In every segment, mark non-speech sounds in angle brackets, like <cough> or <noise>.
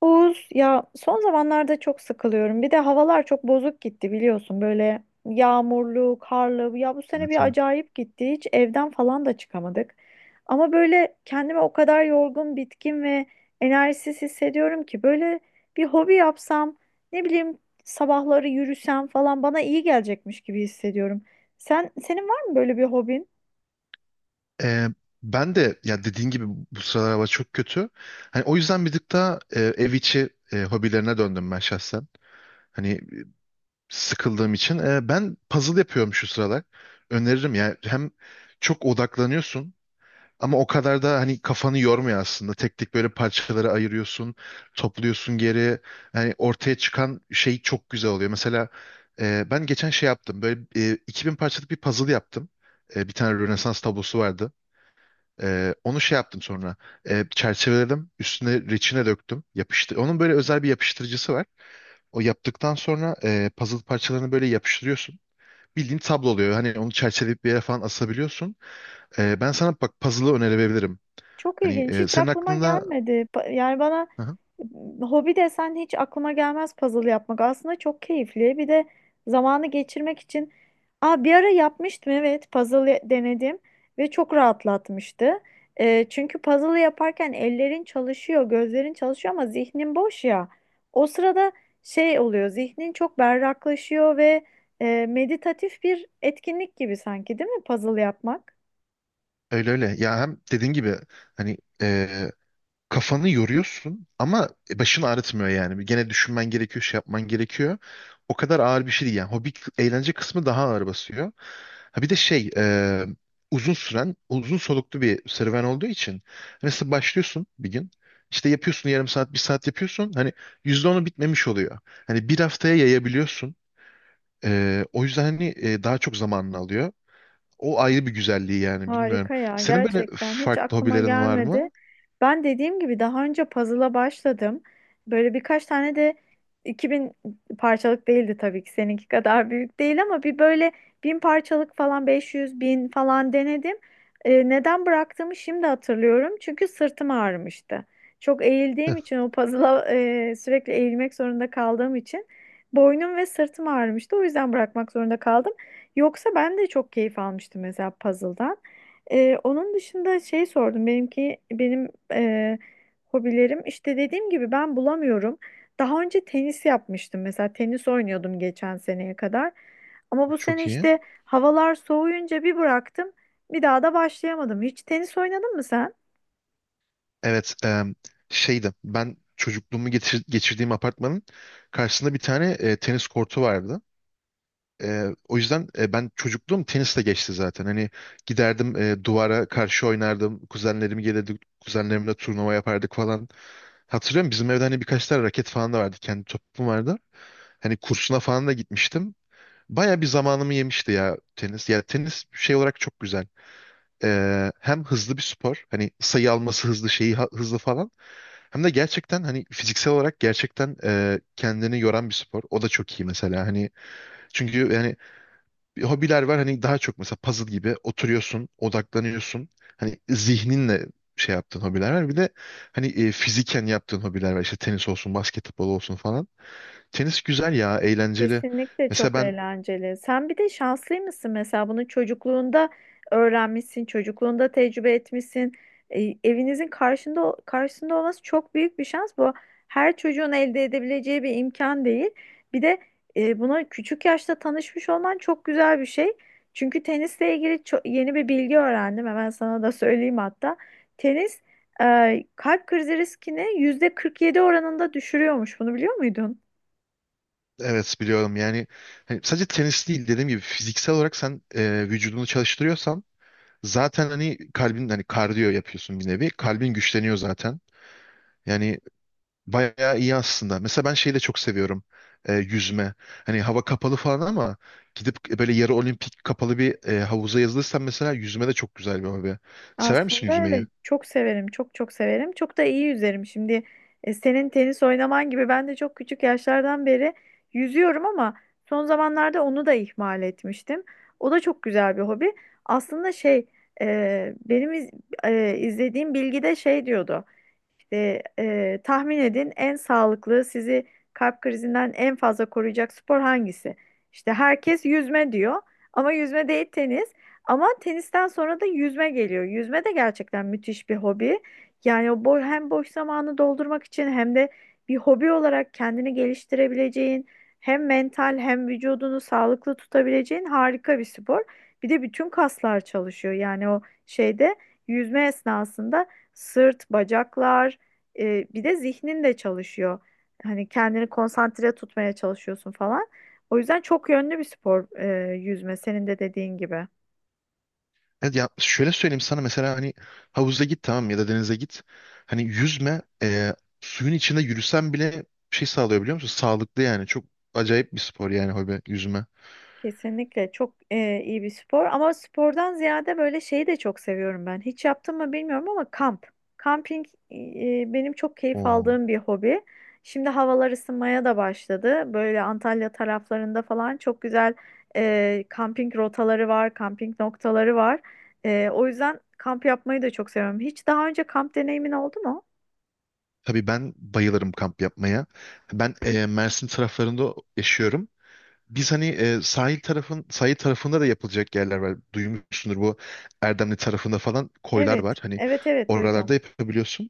Oğuz, ya son zamanlarda çok sıkılıyorum. Bir de havalar çok bozuk gitti, biliyorsun. Böyle yağmurlu, karlı. Ya bu sene Evet, bir evet. acayip gitti. Hiç evden falan da çıkamadık. Ama böyle kendimi o kadar yorgun, bitkin ve enerjisiz hissediyorum ki böyle bir hobi yapsam, ne bileyim, sabahları yürüsem falan bana iyi gelecekmiş gibi hissediyorum. Senin var mı böyle bir hobin? Ee, Ben de, ya, dediğin gibi bu sıralar hava çok kötü. Hani o yüzden bir tık daha ev içi hobilerine döndüm ben şahsen. Hani sıkıldığım için. Ben puzzle yapıyorum şu sıralar. Öneririm ya. Hem çok odaklanıyorsun ama o kadar da hani kafanı yormuyor aslında. Tek tek böyle parçalara ayırıyorsun, topluyorsun geri. Hani ortaya çıkan şey çok güzel oluyor. Mesela ben geçen şey yaptım. Böyle 2000 parçalık bir puzzle yaptım. Bir tane Rönesans tablosu vardı. Onu şey yaptım sonra. Çerçeveledim. Üstüne reçine döktüm. Yapıştı. Onun böyle özel bir yapıştırıcısı var. O yaptıktan sonra puzzle parçalarını böyle yapıştırıyorsun. Bildiğin tablo oluyor. Hani onu çerçeveleyip bir yere falan asabiliyorsun. Ben sana bak puzzle'ı önerebilirim. Çok Hani ilginç. Hiç senin aklıma aklında. gelmedi. Yani bana Hı hı. Hobi desen hiç aklıma gelmez puzzle yapmak. Aslında çok keyifli. Bir de zamanı geçirmek için. Aa, bir ara yapmıştım, evet. Denedim ve çok rahatlatmıştı. Çünkü puzzle yaparken ellerin çalışıyor, gözlerin çalışıyor ama zihnin boş ya. O sırada şey oluyor. Zihnin çok berraklaşıyor ve meditatif bir etkinlik gibi sanki, değil mi puzzle yapmak? Öyle öyle. Ya hem dediğin gibi hani kafanı yoruyorsun ama başını ağrıtmıyor yani. Bir gene düşünmen gerekiyor, şey yapman gerekiyor. O kadar ağır bir şey değil yani. Eğlence kısmı daha ağır basıyor. Ha bir de şey uzun süren, uzun soluklu bir serüven olduğu için mesela başlıyorsun bir gün. İşte yapıyorsun yarım saat, bir saat yapıyorsun. Hani yüzde onu bitmemiş oluyor. Hani bir haftaya yayabiliyorsun. O yüzden hani daha çok zamanını alıyor. O ayrı bir güzelliği yani bilmiyorum. Harika ya, Senin böyle gerçekten hiç farklı aklıma hobilerin var gelmedi. mı? Ben dediğim gibi daha önce puzzle'a başladım. Böyle birkaç tane de 2000 parçalık değildi tabii ki, seninki kadar büyük değil ama bir böyle 1000 parçalık falan, 500 bin falan denedim. Neden bıraktığımı şimdi hatırlıyorum. Çünkü sırtım ağrımıştı. Çok eğildiğim için o puzzle'a sürekli eğilmek zorunda kaldığım için boynum ve sırtım ağrımıştı. O yüzden bırakmak zorunda kaldım. Yoksa ben de çok keyif almıştım mesela puzzle'dan. Onun dışında şey sordum. Benim hobilerim, işte dediğim gibi, ben bulamıyorum. Daha önce tenis yapmıştım mesela, tenis oynuyordum geçen seneye kadar. Ama bu Çok sene iyi. işte havalar soğuyunca bir bıraktım. Bir daha da başlayamadım. Hiç tenis oynadın mı sen? Evet, şeydi. Ben geçirdiğim apartmanın karşısında bir tane tenis kortu vardı. O yüzden ben çocukluğum tenisle geçti zaten. Hani giderdim duvara karşı oynardım. Kuzenlerim gelirdi. Kuzenlerimle turnuva yapardık falan. Hatırlıyorum bizim evde hani birkaç tane raket falan da vardı. Kendi topum vardı. Hani kursuna falan da gitmiştim. Baya bir zamanımı yemişti ya tenis. Ya tenis şey olarak çok güzel. Hem hızlı bir spor. Hani sayı alması hızlı hızlı falan. Hem de gerçekten hani fiziksel olarak gerçekten kendini yoran bir spor. O da çok iyi mesela. Hani çünkü yani bir hobiler var hani daha çok mesela puzzle gibi oturuyorsun, odaklanıyorsun. Hani zihninle şey yaptığın hobiler var. Bir de hani fiziken yaptığın hobiler var. İşte tenis olsun, basketbol olsun falan. Tenis güzel ya, eğlenceli. Kesinlikle Mesela çok ben eğlenceli. Sen bir de şanslı mısın mesela, bunu çocukluğunda öğrenmişsin, çocukluğunda tecrübe etmişsin. E, evinizin karşısında olması çok büyük bir şans. Bu her çocuğun elde edebileceği bir imkan değil. Bir de buna küçük yaşta tanışmış olman çok güzel bir şey. Çünkü tenisle ilgili yeni bir bilgi öğrendim. Hemen sana da söyleyeyim hatta. Tenis kalp krizi riskini yüzde %47 oranında düşürüyormuş. Bunu biliyor muydun? evet biliyorum yani hani sadece tenis değil dediğim gibi fiziksel olarak sen vücudunu çalıştırıyorsan zaten hani kalbin hani kardiyo yapıyorsun bir nevi. Kalbin güçleniyor zaten. Yani bayağı iyi aslında. Mesela ben şeyi de çok seviyorum. Yüzme. Hani hava kapalı falan ama gidip böyle yarı olimpik kapalı bir havuza yazılırsan mesela yüzme de çok güzel bir hobi. Sever misin Aslında yüzmeyi? evet, çok severim, çok çok severim, çok da iyi yüzerim. Şimdi senin tenis oynaman gibi ben de çok küçük yaşlardan beri yüzüyorum ama son zamanlarda onu da ihmal etmiştim. O da çok güzel bir hobi aslında. Şey, e, benim iz- izlediğim bilgide şey diyordu işte, tahmin edin, en sağlıklı, sizi kalp krizinden en fazla koruyacak spor hangisi? İşte herkes yüzme diyor ama yüzme değil, tenis. Ama tenisten sonra da yüzme geliyor. Yüzme de gerçekten müthiş bir hobi. Yani o hem boş zamanı doldurmak için hem de bir hobi olarak kendini geliştirebileceğin, hem mental hem vücudunu sağlıklı tutabileceğin harika bir spor. Bir de bütün kaslar çalışıyor. Yani o şeyde, yüzme esnasında sırt, bacaklar, bir de zihnin de çalışıyor. Hani kendini konsantre tutmaya çalışıyorsun falan. O yüzden çok yönlü bir spor yüzme, senin de dediğin gibi. Evet ya şöyle söyleyeyim sana mesela hani havuza git tamam mı? Ya da denize git. Hani yüzme suyun içinde yürüsen bile şey sağlıyor biliyor musun? Sağlıklı yani. Çok acayip bir spor yani hobi yüzme. Kesinlikle çok iyi bir spor ama spordan ziyade böyle şeyi de çok seviyorum ben. Hiç yaptım mı bilmiyorum ama kamp. Kamping, benim çok keyif Oo. aldığım bir hobi. Şimdi havalar ısınmaya da başladı. Böyle Antalya taraflarında falan çok güzel kamping rotaları var, kamping noktaları var. E, o yüzden kamp yapmayı da çok seviyorum. Hiç daha önce kamp deneyimin oldu mu? Tabii ben bayılırım kamp yapmaya. Ben Mersin taraflarında yaşıyorum. Biz hani sahil tarafında da yapılacak yerler var. Duymuşsundur bu Erdemli tarafında falan koylar Evet, var. Hani evet, oralarda duydum. yapabiliyorsun.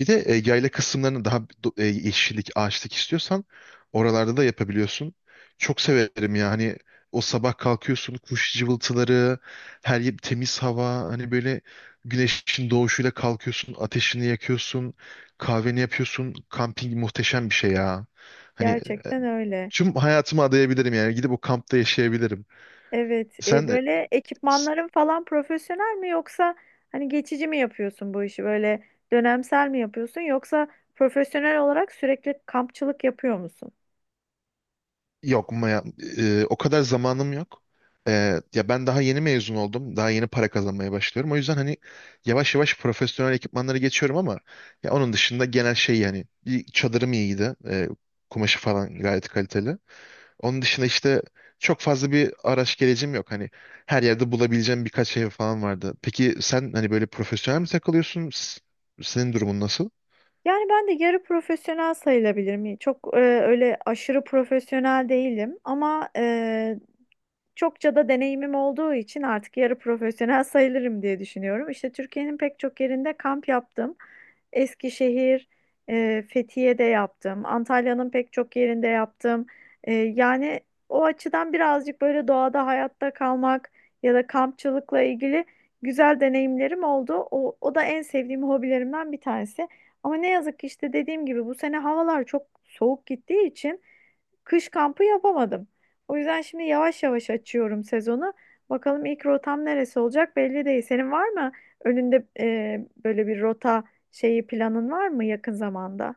Bir de yayla kısımlarını yeşillik, ağaçlık istiyorsan oralarda da yapabiliyorsun. Çok severim ya. Hani o sabah kalkıyorsun kuş cıvıltıları, her yer temiz hava, hani böyle güneşin doğuşuyla kalkıyorsun, ateşini yakıyorsun, kahveni yapıyorsun. Kamping muhteşem bir şey ya. Hani Gerçekten öyle. tüm hayatımı adayabilirim yani gidip o kampta yaşayabilirim. Evet, Sen e, böyle s- ekipmanların falan profesyonel mi, yoksa hani geçici mi yapıyorsun bu işi, böyle dönemsel mi yapıyorsun, yoksa profesyonel olarak sürekli kampçılık yapıyor musun? Yok ya, o kadar zamanım yok. E, Ya ben daha yeni mezun oldum. Daha yeni para kazanmaya başlıyorum. O yüzden hani yavaş yavaş profesyonel ekipmanları geçiyorum ama ya onun dışında genel şey yani bir çadırım iyiydi. Kumaşı falan gayet kaliteli. Onun dışında işte çok fazla bir araç gerecim yok. Hani her yerde bulabileceğim birkaç ev falan vardı. Peki sen hani böyle profesyonel mi takılıyorsun? Senin durumun nasıl? Yani ben de yarı profesyonel sayılabilirim. Çok öyle aşırı profesyonel değilim ama çokça da deneyimim olduğu için artık yarı profesyonel sayılırım diye düşünüyorum. İşte Türkiye'nin pek çok yerinde kamp yaptım. Eskişehir, Fethiye'de yaptım. Antalya'nın pek çok yerinde yaptım. E, yani o açıdan birazcık böyle doğada hayatta kalmak ya da kampçılıkla ilgili güzel deneyimlerim oldu. O da en sevdiğim hobilerimden bir tanesi. Ama ne yazık ki işte dediğim gibi bu sene havalar çok soğuk gittiği için kış kampı yapamadım. O yüzden şimdi yavaş yavaş açıyorum sezonu. Bakalım ilk rotam neresi olacak belli değil. Senin var mı önünde böyle bir rota şeyi, planın var mı yakın zamanda?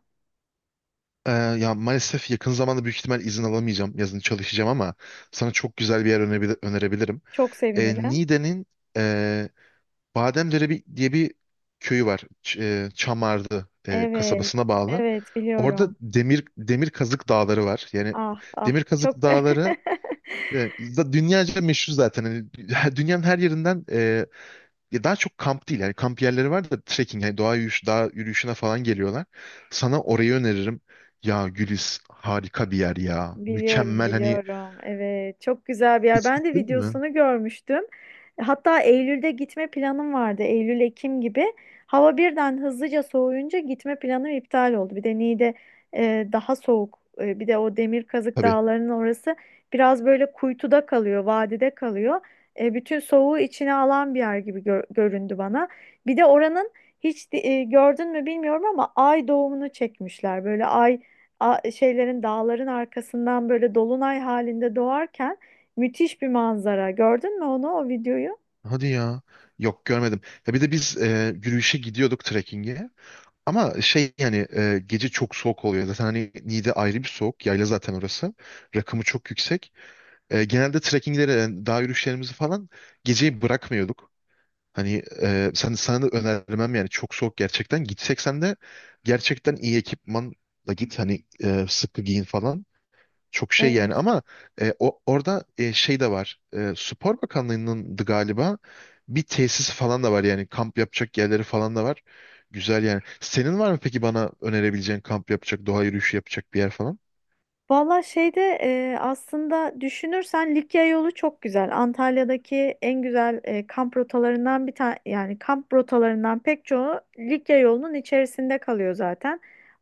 Ya maalesef yakın zamanda büyük ihtimal izin alamayacağım. Yazın çalışacağım ama sana çok güzel bir yer önerebilirim. Çok sevinirim. Niğde'nin Bademdere bir, diye bir köyü var. Çamarlı Evet, kasabasına bağlı. evet Orada biliyorum. Demir kazık dağları var. Yani Ah ah, demir kazık çok dağları <laughs> dünyaca meşhur zaten. Hani <laughs> dünyanın her yerinden ya daha çok kamp değil. Yani kamp yerleri var da trekking, yani doğa yürüyüş, dağ yürüyüşüne falan geliyorlar. Sana orayı öneririm. Ya Gülis harika bir yer ya. biliyorum, Mükemmel hani biliyorum. Evet, çok güzel bir yer. hiç Ben de gittin mi? videosunu görmüştüm. Hatta Eylül'de gitme planım vardı. Eylül, Ekim gibi. Hava birden hızlıca soğuyunca gitme planım iptal oldu. Bir de Niğde daha soğuk. E, bir de o Demirkazık Tabii. Dağları'nın orası biraz böyle kuytuda kalıyor, vadide kalıyor. E, bütün soğuğu içine alan bir yer gibi göründü bana. Bir de oranın hiç gördün mü bilmiyorum ama ay doğumunu çekmişler. Böyle şeylerin, dağların arkasından böyle dolunay halinde doğarken müthiş bir manzara. Gördün mü onu, o videoyu? Hadi ya. Yok görmedim. Ya bir de biz yürüyüşe gidiyorduk trekkinge. Ama şey yani gece çok soğuk oluyor. Zaten hani Niğde ayrı bir soğuk. Yayla zaten orası. Rakımı çok yüksek. Genelde trekkinglere, yani dağ yürüyüşlerimizi falan geceyi bırakmıyorduk. Hani sana da önermem yani çok soğuk gerçekten. Gitsek sen de gerçekten iyi ekipmanla git. Hani sıkı giyin falan. Çok şey Evet. yani ama orada şey de var. Spor Bakanlığı'nın galiba bir tesis falan da var yani kamp yapacak yerleri falan da var. Güzel yani. Senin var mı peki bana önerebileceğin kamp yapacak, doğa yürüyüşü yapacak bir yer falan? Valla şeyde, aslında düşünürsen Likya yolu çok güzel. Antalya'daki en güzel kamp rotalarından bir tane, yani kamp rotalarından pek çoğu Likya yolunun içerisinde kalıyor zaten.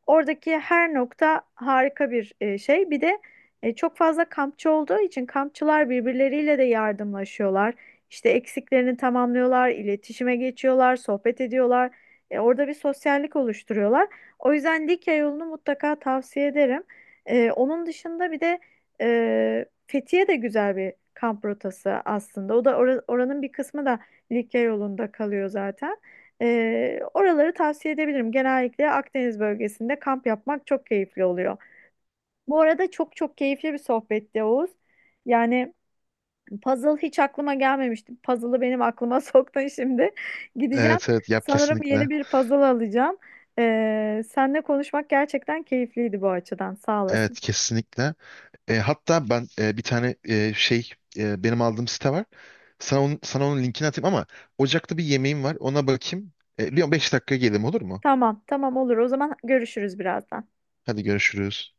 Oradaki her nokta harika bir şey. Bir de çok fazla kampçı olduğu için kampçılar birbirleriyle de yardımlaşıyorlar. İşte eksiklerini tamamlıyorlar, iletişime geçiyorlar, sohbet ediyorlar. E, orada bir sosyallik oluşturuyorlar. O yüzden Likya yolunu mutlaka tavsiye ederim. Onun dışında bir de Fethiye de güzel bir kamp rotası aslında. Oranın bir kısmı da Likya yolunda kalıyor zaten. Oraları tavsiye edebilirim. Genellikle Akdeniz bölgesinde kamp yapmak çok keyifli oluyor. Bu arada çok çok keyifli bir sohbetti, Oğuz. Yani puzzle hiç aklıma gelmemişti. Puzzle'ı benim aklıma <laughs> soktun şimdi. Gideceğim. Evet, evet yap Sanırım kesinlikle. yeni bir puzzle alacağım. Seninle konuşmak gerçekten keyifliydi bu açıdan. Sağ olasın. Evet kesinlikle. Hatta ben bir tane benim aldığım site var. Sana onun linkini atayım ama ocakta bir yemeğim var. Ona bakayım. 5 dakika gelelim olur mu? Tamam, tamam, olur. O zaman görüşürüz birazdan. Hadi görüşürüz.